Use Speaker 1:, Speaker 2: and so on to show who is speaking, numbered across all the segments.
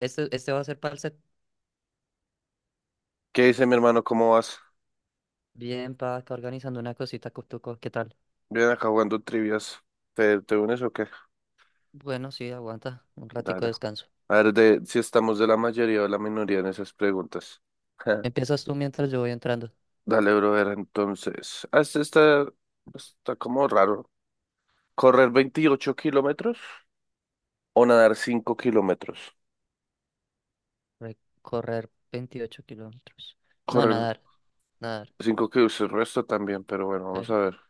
Speaker 1: Este va a ser para el set.
Speaker 2: ¿Qué dice mi hermano? ¿Cómo vas?
Speaker 1: Bien, pa, acá organizando una cosita, Cutuco. ¿Qué tal?
Speaker 2: Bien acá jugando trivias. ¿Te unes o qué?
Speaker 1: Bueno, sí, aguanta. Un ratico
Speaker 2: Dale.
Speaker 1: de descanso.
Speaker 2: A ver si estamos de la mayoría o la minoría en esas preguntas.
Speaker 1: Empiezas tú mientras yo voy entrando.
Speaker 2: Dale, brother, entonces. Ah, este está como raro. ¿Correr 28 kilómetros o nadar 5 kilómetros?
Speaker 1: Recorrer 28 kilómetros. No,
Speaker 2: Correr
Speaker 1: nadar. Nadar.
Speaker 2: 5 kilómetros, el resto también, pero bueno, vamos
Speaker 1: Ver,
Speaker 2: a ver.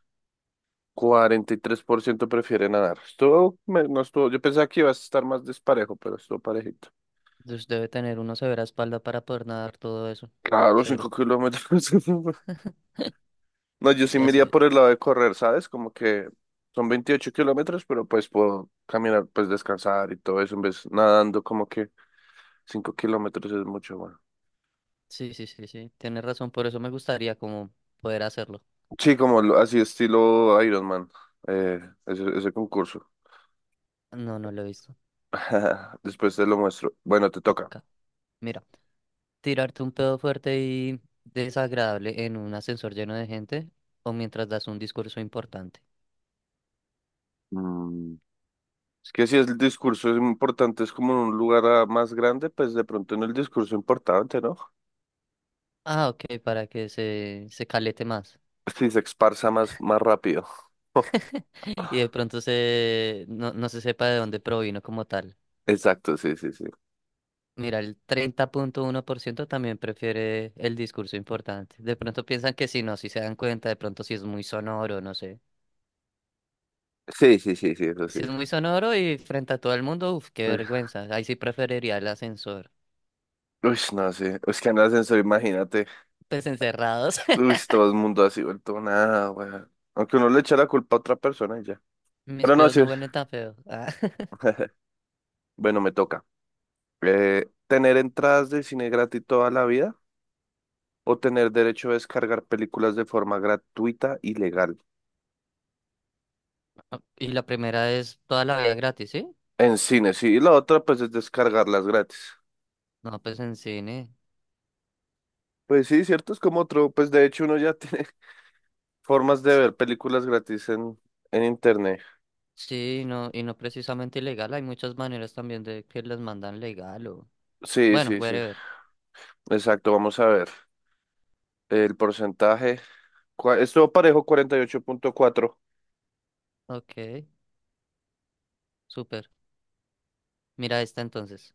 Speaker 2: 43% prefiere nadar. No estuvo, yo pensaba que iba a estar más desparejo, pero estuvo parejito.
Speaker 1: pues debe tener uno severa espalda para poder nadar todo eso.
Speaker 2: Claro,
Speaker 1: Cero.
Speaker 2: 5 kilómetros. No, yo sí
Speaker 1: Y
Speaker 2: me iría
Speaker 1: así.
Speaker 2: por el lado de correr, ¿sabes? Como que son 28 kilómetros, pero pues puedo caminar, pues descansar y todo eso, en vez nadando como que 5 kilómetros es mucho, bueno.
Speaker 1: Sí, sí, sí, sí. Tienes razón. Por eso me gustaría como poder hacerlo.
Speaker 2: Sí, como así estilo Ironman, eh, ese concurso.
Speaker 1: No, no lo he visto.
Speaker 2: Después te lo muestro. Bueno, te toca.
Speaker 1: Ok. Mira, tirarte un pedo fuerte y desagradable en un ascensor lleno de gente o mientras das un discurso importante.
Speaker 2: Mm, Es que si el discurso es importante, es como en un lugar más grande, pues de pronto en el discurso importante, ¿no?
Speaker 1: Ah, ok, para que se calete más.
Speaker 2: Si se esparza más, más rápido.
Speaker 1: Y de pronto no, no se sepa de dónde provino como tal.
Speaker 2: Exacto, sí, sí, sí.
Speaker 1: Mira, el 30.1% también prefiere el discurso importante. De pronto piensan que si no, si se dan cuenta, de pronto si es muy sonoro, no sé.
Speaker 2: Sí, sí, sí, sí, eso sí.
Speaker 1: Si es muy sonoro y frente a todo el mundo, uff, qué
Speaker 2: Uy,
Speaker 1: vergüenza. Ahí sí preferiría el ascensor.
Speaker 2: uy, no sé. Es que en el ascensor, imagínate.
Speaker 1: Pues encerrados.
Speaker 2: Uy, todo el mundo así vuelto nada, weón. Aunque uno le echa la culpa a otra persona y ya.
Speaker 1: Mis
Speaker 2: Pero no
Speaker 1: pedos no
Speaker 2: sé.
Speaker 1: huelen tan feo. Ah,
Speaker 2: Bueno, me toca. ¿Tener entradas de cine gratis toda la vida o tener derecho a descargar películas de forma gratuita y legal?
Speaker 1: Y la primera es toda la vida gratis, ¿sí?
Speaker 2: En cine, sí. Y la otra, pues, es descargarlas gratis.
Speaker 1: No, pues en cine.
Speaker 2: Pues sí, cierto, es como otro. Pues de hecho, uno ya tiene formas de ver películas gratis en internet.
Speaker 1: Sí, no, y no precisamente ilegal. Hay muchas maneras también de que las mandan legal o...
Speaker 2: Sí,
Speaker 1: Bueno,
Speaker 2: sí, sí.
Speaker 1: whatever.
Speaker 2: Exacto, vamos a ver. El porcentaje estuvo parejo 48,4.
Speaker 1: Ok, súper. Mira esta entonces.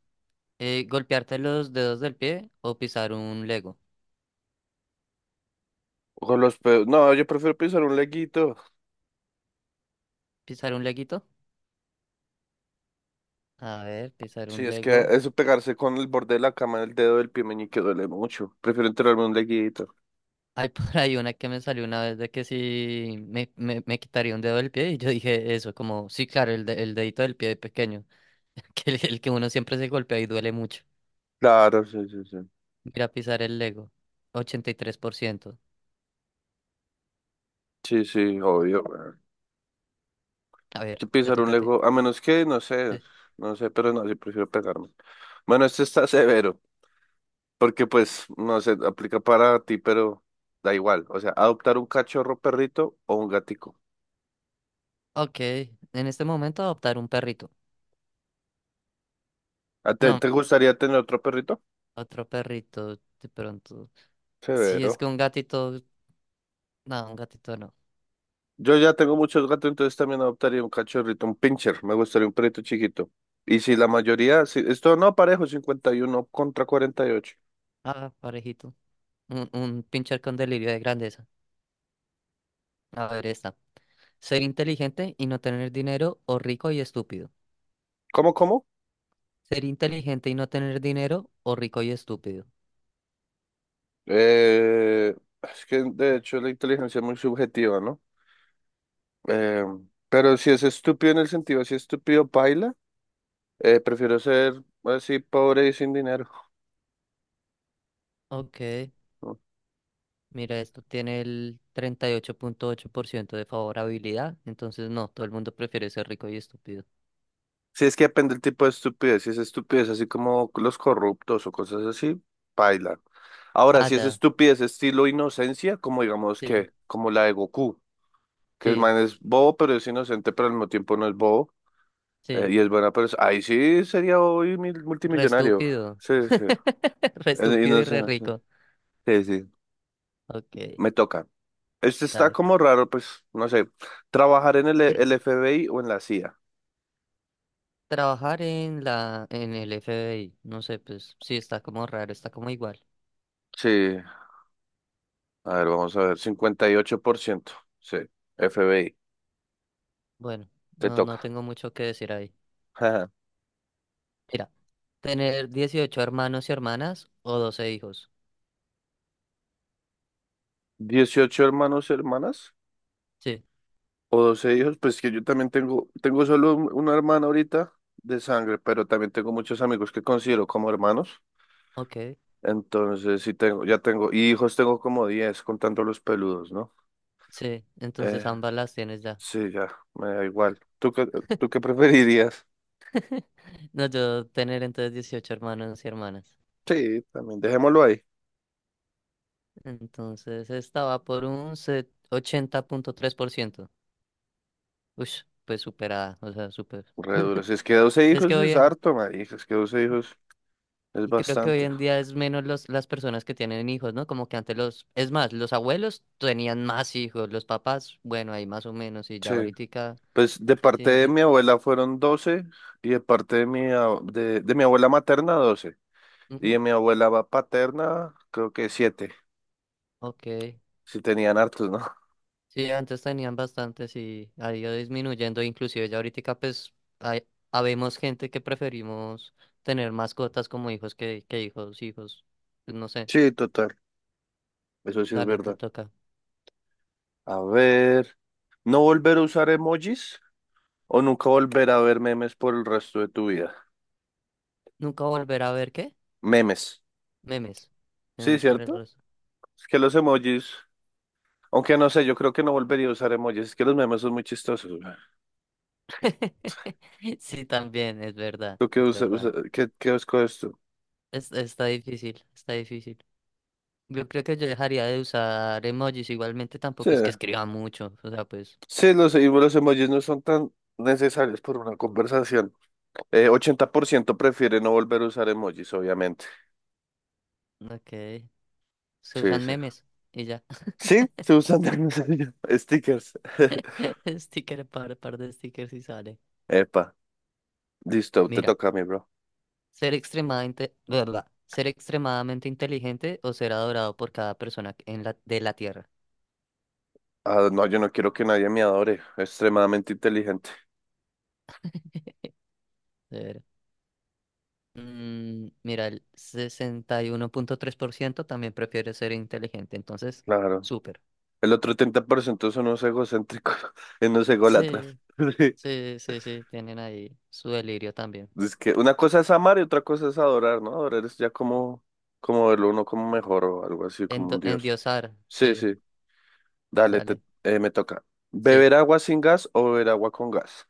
Speaker 1: ¿Golpearte los dedos del pie o pisar un Lego?
Speaker 2: No, yo prefiero pisar un leguito.
Speaker 1: ¿Pisar un leguito? A ver, pisar un
Speaker 2: Sí, es que
Speaker 1: Lego.
Speaker 2: eso pegarse con el borde de la cama en el dedo del pie meñique duele mucho. Prefiero enterrarme un leguito.
Speaker 1: Hay por ahí una que me salió una vez de que si me quitaría un dedo del pie y yo dije eso, como, sí, claro, el dedito del pie pequeño. Que el que uno siempre se golpea y duele mucho.
Speaker 2: Claro, sí, sí, sí.
Speaker 1: Ir a pisar el Lego, 83%.
Speaker 2: Sí, sí, obvio. Weón.
Speaker 1: A ver,
Speaker 2: Que
Speaker 1: te
Speaker 2: pisar un
Speaker 1: toca a ti.
Speaker 2: lego, a menos que, no sé,
Speaker 1: Sí.
Speaker 2: no sé, pero no, sí prefiero pegarme. Bueno, este está severo, porque pues, no sé, aplica para ti, pero da igual. O sea, adoptar un cachorro perrito o un gatico.
Speaker 1: Ok, en este momento adoptar un perrito.
Speaker 2: ¿A te,
Speaker 1: No,
Speaker 2: te gustaría tener otro perrito?
Speaker 1: otro perrito, de pronto. Si es que
Speaker 2: Severo.
Speaker 1: un gatito, no, un gatito no.
Speaker 2: Yo ya tengo muchos gatos, entonces también adoptaría un cachorrito, un pincher. Me gustaría un perrito chiquito. Y si la mayoría, si, esto no parejo, 51 contra 48.
Speaker 1: Ah, parejito. Un pincher con delirio de grandeza. A ver, esta. Ser inteligente y no tener dinero o rico y estúpido.
Speaker 2: ¿Cómo, cómo?
Speaker 1: Ser inteligente y no tener dinero o rico y estúpido.
Speaker 2: Eh, es que de hecho la inteligencia es muy subjetiva, ¿no? Eh, pero si es estúpido en el sentido, si es estúpido, paila, prefiero ser así pobre y sin dinero.
Speaker 1: Ok. Mira, esto tiene el treinta y ocho 8.8% de favorabilidad, entonces no, todo el mundo prefiere ser rico y estúpido.
Speaker 2: Si es que depende del tipo de estupidez, si es estupidez así como los corruptos o cosas así, paila. Ahora,
Speaker 1: Ah,
Speaker 2: si es
Speaker 1: ya,
Speaker 2: estupidez estilo inocencia, como digamos
Speaker 1: sí,
Speaker 2: que, como la de Goku, que es
Speaker 1: sí,
Speaker 2: man es bobo, pero es inocente, pero al mismo tiempo no es bobo,
Speaker 1: sí,
Speaker 2: y es buena persona, ahí sí sería
Speaker 1: re
Speaker 2: multimillonario.
Speaker 1: estúpido,
Speaker 2: Sí, sí.
Speaker 1: re
Speaker 2: Es
Speaker 1: estúpido y re
Speaker 2: inocente, sí.
Speaker 1: rico.
Speaker 2: Sí, sí.
Speaker 1: Ok,
Speaker 2: Me toca. Este está
Speaker 1: dale.
Speaker 2: como raro, pues, no sé. Trabajar en el FBI o en la CIA.
Speaker 1: Trabajar en el FBI, no sé, pues sí, está como raro, está como igual.
Speaker 2: Sí. A ver, vamos a ver. 58%. Sí. FBI.
Speaker 1: Bueno,
Speaker 2: Te
Speaker 1: no, no
Speaker 2: toca.
Speaker 1: tengo mucho que decir ahí. Mira, tener 18 hermanos y hermanas o 12 hijos.
Speaker 2: 18 hermanos, hermanas
Speaker 1: Sí,
Speaker 2: o 12 hijos. Pues que yo también tengo solo una hermana ahorita de sangre, pero también tengo muchos amigos que considero como hermanos.
Speaker 1: ok,
Speaker 2: Entonces, sí tengo, ya tengo, y hijos tengo como 10 contando los peludos, ¿no?
Speaker 1: sí,
Speaker 2: Eh,
Speaker 1: entonces ambas las tienes ya.
Speaker 2: sí, ya, me da igual. ¿Tú qué preferirías?
Speaker 1: No, yo tener entonces 18 hermanos y hermanas.
Speaker 2: Sí, también dejémoslo ahí.
Speaker 1: Entonces estaba por 80.3%. Uy, pues superada, o sea, super.
Speaker 2: Re duro. Si es que 12
Speaker 1: Es que
Speaker 2: hijos es harto, marica. Es que 12 hijos es
Speaker 1: y creo que hoy
Speaker 2: bastante.
Speaker 1: en día es menos las personas que tienen hijos, ¿no? Como que antes es más, los abuelos tenían más hijos, los papás, bueno, ahí más o menos, y ya
Speaker 2: Sí.
Speaker 1: ahorita
Speaker 2: Pues de parte
Speaker 1: casi,
Speaker 2: de mi abuela fueron 12 y de parte de de mi abuela materna 12 y
Speaker 1: ujú,
Speaker 2: de mi abuela paterna creo que 7.
Speaker 1: ok.
Speaker 2: Si tenían hartos, ¿no?
Speaker 1: Sí, antes tenían bastantes y ha ido disminuyendo, inclusive ya ahorita pues hay, habemos gente que preferimos tener mascotas como hijos que hijos, hijos, pues, no sé,
Speaker 2: Sí, total, eso sí es
Speaker 1: dale, te
Speaker 2: verdad.
Speaker 1: toca.
Speaker 2: A ver, ¿no volver a usar emojis o nunca volver a ver memes por el resto de tu vida?
Speaker 1: ¿Nunca volver a ver qué?
Speaker 2: Memes,
Speaker 1: Memes,
Speaker 2: sí,
Speaker 1: memes por el
Speaker 2: ¿cierto?
Speaker 1: resto.
Speaker 2: Es que los emojis, aunque no sé, yo creo que no volvería a usar emojis, es que los memes son muy chistosos. Güey.
Speaker 1: Sí, también, es verdad,
Speaker 2: ¿Tú qué
Speaker 1: es
Speaker 2: usas?
Speaker 1: verdad.
Speaker 2: ¿Qué escoges tú?
Speaker 1: Está difícil, está difícil. Yo creo que yo dejaría de usar emojis, igualmente
Speaker 2: Sí.
Speaker 1: tampoco es que escriba mucho, o sea, pues,
Speaker 2: Sí, los, y los emojis no son tan necesarios por una conversación. 80% prefiere no volver a usar emojis, obviamente.
Speaker 1: ok, se
Speaker 2: Sí,
Speaker 1: usan
Speaker 2: sí.
Speaker 1: memes y ya.
Speaker 2: Sí, se usan de stickers.
Speaker 1: Sticker, par de stickers y sale.
Speaker 2: Epa, listo, te
Speaker 1: Mira,
Speaker 2: toca a mí, bro.
Speaker 1: ser extremadamente, ¿verdad? Ser extremadamente inteligente o ser adorado por cada persona en de la Tierra.
Speaker 2: Ah, no, yo no quiero que nadie me adore. Extremadamente inteligente.
Speaker 1: De Ver. Mira, el 61.3% también prefiere ser inteligente, entonces,
Speaker 2: Claro.
Speaker 1: súper.
Speaker 2: El otro 30% son unos egocéntricos, unos ególatras.
Speaker 1: Sí,
Speaker 2: Sí.
Speaker 1: sí, sí, sí, tienen ahí su delirio también.
Speaker 2: Es que una cosa es amar y otra cosa es adorar, ¿no? Adorar es ya como, como verlo uno como mejor o algo así, como un
Speaker 1: Endo-
Speaker 2: dios.
Speaker 1: endiosar,
Speaker 2: Sí,
Speaker 1: sí,
Speaker 2: sí. Dale,
Speaker 1: dale,
Speaker 2: me toca.
Speaker 1: sí.
Speaker 2: ¿Beber agua sin gas o beber agua con gas?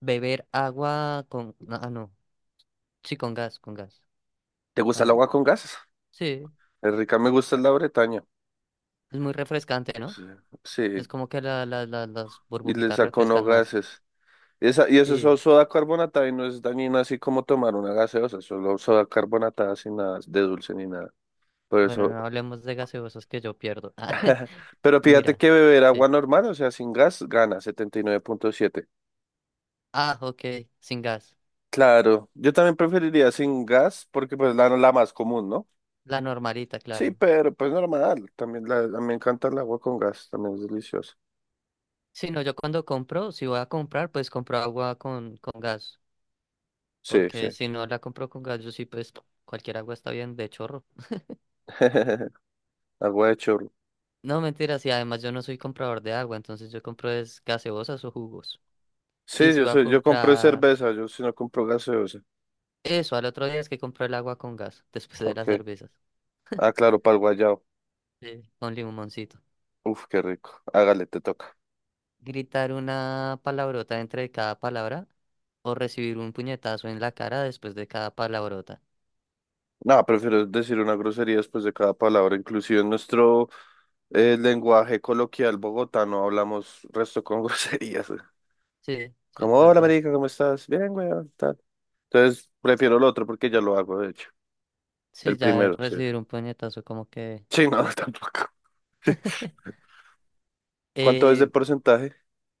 Speaker 1: Beber agua con, no, sí, con gas, con gas.
Speaker 2: ¿Te gusta el
Speaker 1: Ah,
Speaker 2: agua con gas?
Speaker 1: sí,
Speaker 2: Es rica, me gusta la Bretaña.
Speaker 1: es muy refrescante, ¿no?
Speaker 2: Sí,
Speaker 1: Es
Speaker 2: sí,
Speaker 1: como que las
Speaker 2: y le
Speaker 1: burbujitas
Speaker 2: saco no
Speaker 1: refrescan más.
Speaker 2: gases. Esa, y eso es
Speaker 1: Sí.
Speaker 2: soda carbonatada y no es dañina así como tomar una gaseosa, solo soda carbonatada sin nada de dulce ni nada. Por
Speaker 1: Bueno,
Speaker 2: eso,
Speaker 1: no hablemos de gaseosos que yo pierdo. Ah,
Speaker 2: pero fíjate
Speaker 1: mira,
Speaker 2: que beber
Speaker 1: sí.
Speaker 2: agua normal, o sea, sin gas, gana 79,7.
Speaker 1: Ah, ok, sin gas.
Speaker 2: Claro, yo también preferiría sin gas porque pues la más común, ¿no?
Speaker 1: La normalita,
Speaker 2: Sí,
Speaker 1: claro.
Speaker 2: pero pues normal. También la, a mí me encanta el agua con gas, también es deliciosa.
Speaker 1: Sí, no, yo cuando compro, si voy a comprar, pues compro agua con gas.
Speaker 2: Sí, sí.
Speaker 1: Porque si no la compro con gas, yo sí, pues cualquier agua está bien de chorro.
Speaker 2: Agua de chorro.
Speaker 1: No, mentira, sí, además yo no soy comprador de agua, entonces yo compro es gaseosas o jugos. Y
Speaker 2: Sí,
Speaker 1: si
Speaker 2: yo
Speaker 1: voy a
Speaker 2: soy, yo compré
Speaker 1: comprar
Speaker 2: cerveza, yo si no compro gaseosa.
Speaker 1: eso, al otro día es que compro el agua con gas, después de las
Speaker 2: Ok.
Speaker 1: cervezas.
Speaker 2: Ah, claro, para el guayao.
Speaker 1: Sí. Con limoncito.
Speaker 2: Uf, qué rico. Hágale, te toca.
Speaker 1: Gritar una palabrota entre cada palabra o recibir un puñetazo en la cara después de cada palabrota.
Speaker 2: No, prefiero decir una grosería después de cada palabra. Inclusive en nuestro lenguaje coloquial bogotano hablamos resto con groserías. Güey.
Speaker 1: Sí, sí,
Speaker 2: Como,
Speaker 1: es
Speaker 2: hola,
Speaker 1: verdad.
Speaker 2: marica, ¿cómo estás? Bien, güey, tal. Entonces, prefiero el otro porque ya lo hago, de hecho.
Speaker 1: Sí,
Speaker 2: El
Speaker 1: ya
Speaker 2: primero, sí.
Speaker 1: recibir un puñetazo como que...
Speaker 2: Sí, no, tampoco. ¿Cuánto es de
Speaker 1: Eh,
Speaker 2: porcentaje?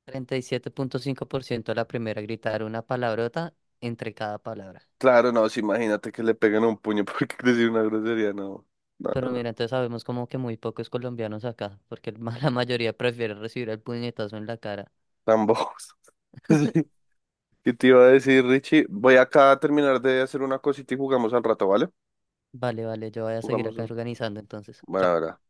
Speaker 1: 37.5% la primera, gritar una palabrota entre cada palabra.
Speaker 2: Claro, no, sí, imagínate que le peguen un puño porque decir una grosería, no, no, no,
Speaker 1: Pero
Speaker 2: no,
Speaker 1: mira, entonces sabemos como que muy pocos colombianos acá, porque la mayoría prefiere recibir el puñetazo en la cara.
Speaker 2: tan bobos. Sí. ¿Qué te iba a decir, Richie? Voy acá a terminar de hacer una cosita y jugamos al rato, ¿vale?
Speaker 1: Vale, vale, yo voy a seguir
Speaker 2: Jugamos.
Speaker 1: acá organizando entonces.
Speaker 2: Bueno,
Speaker 1: Chao.
Speaker 2: ahora.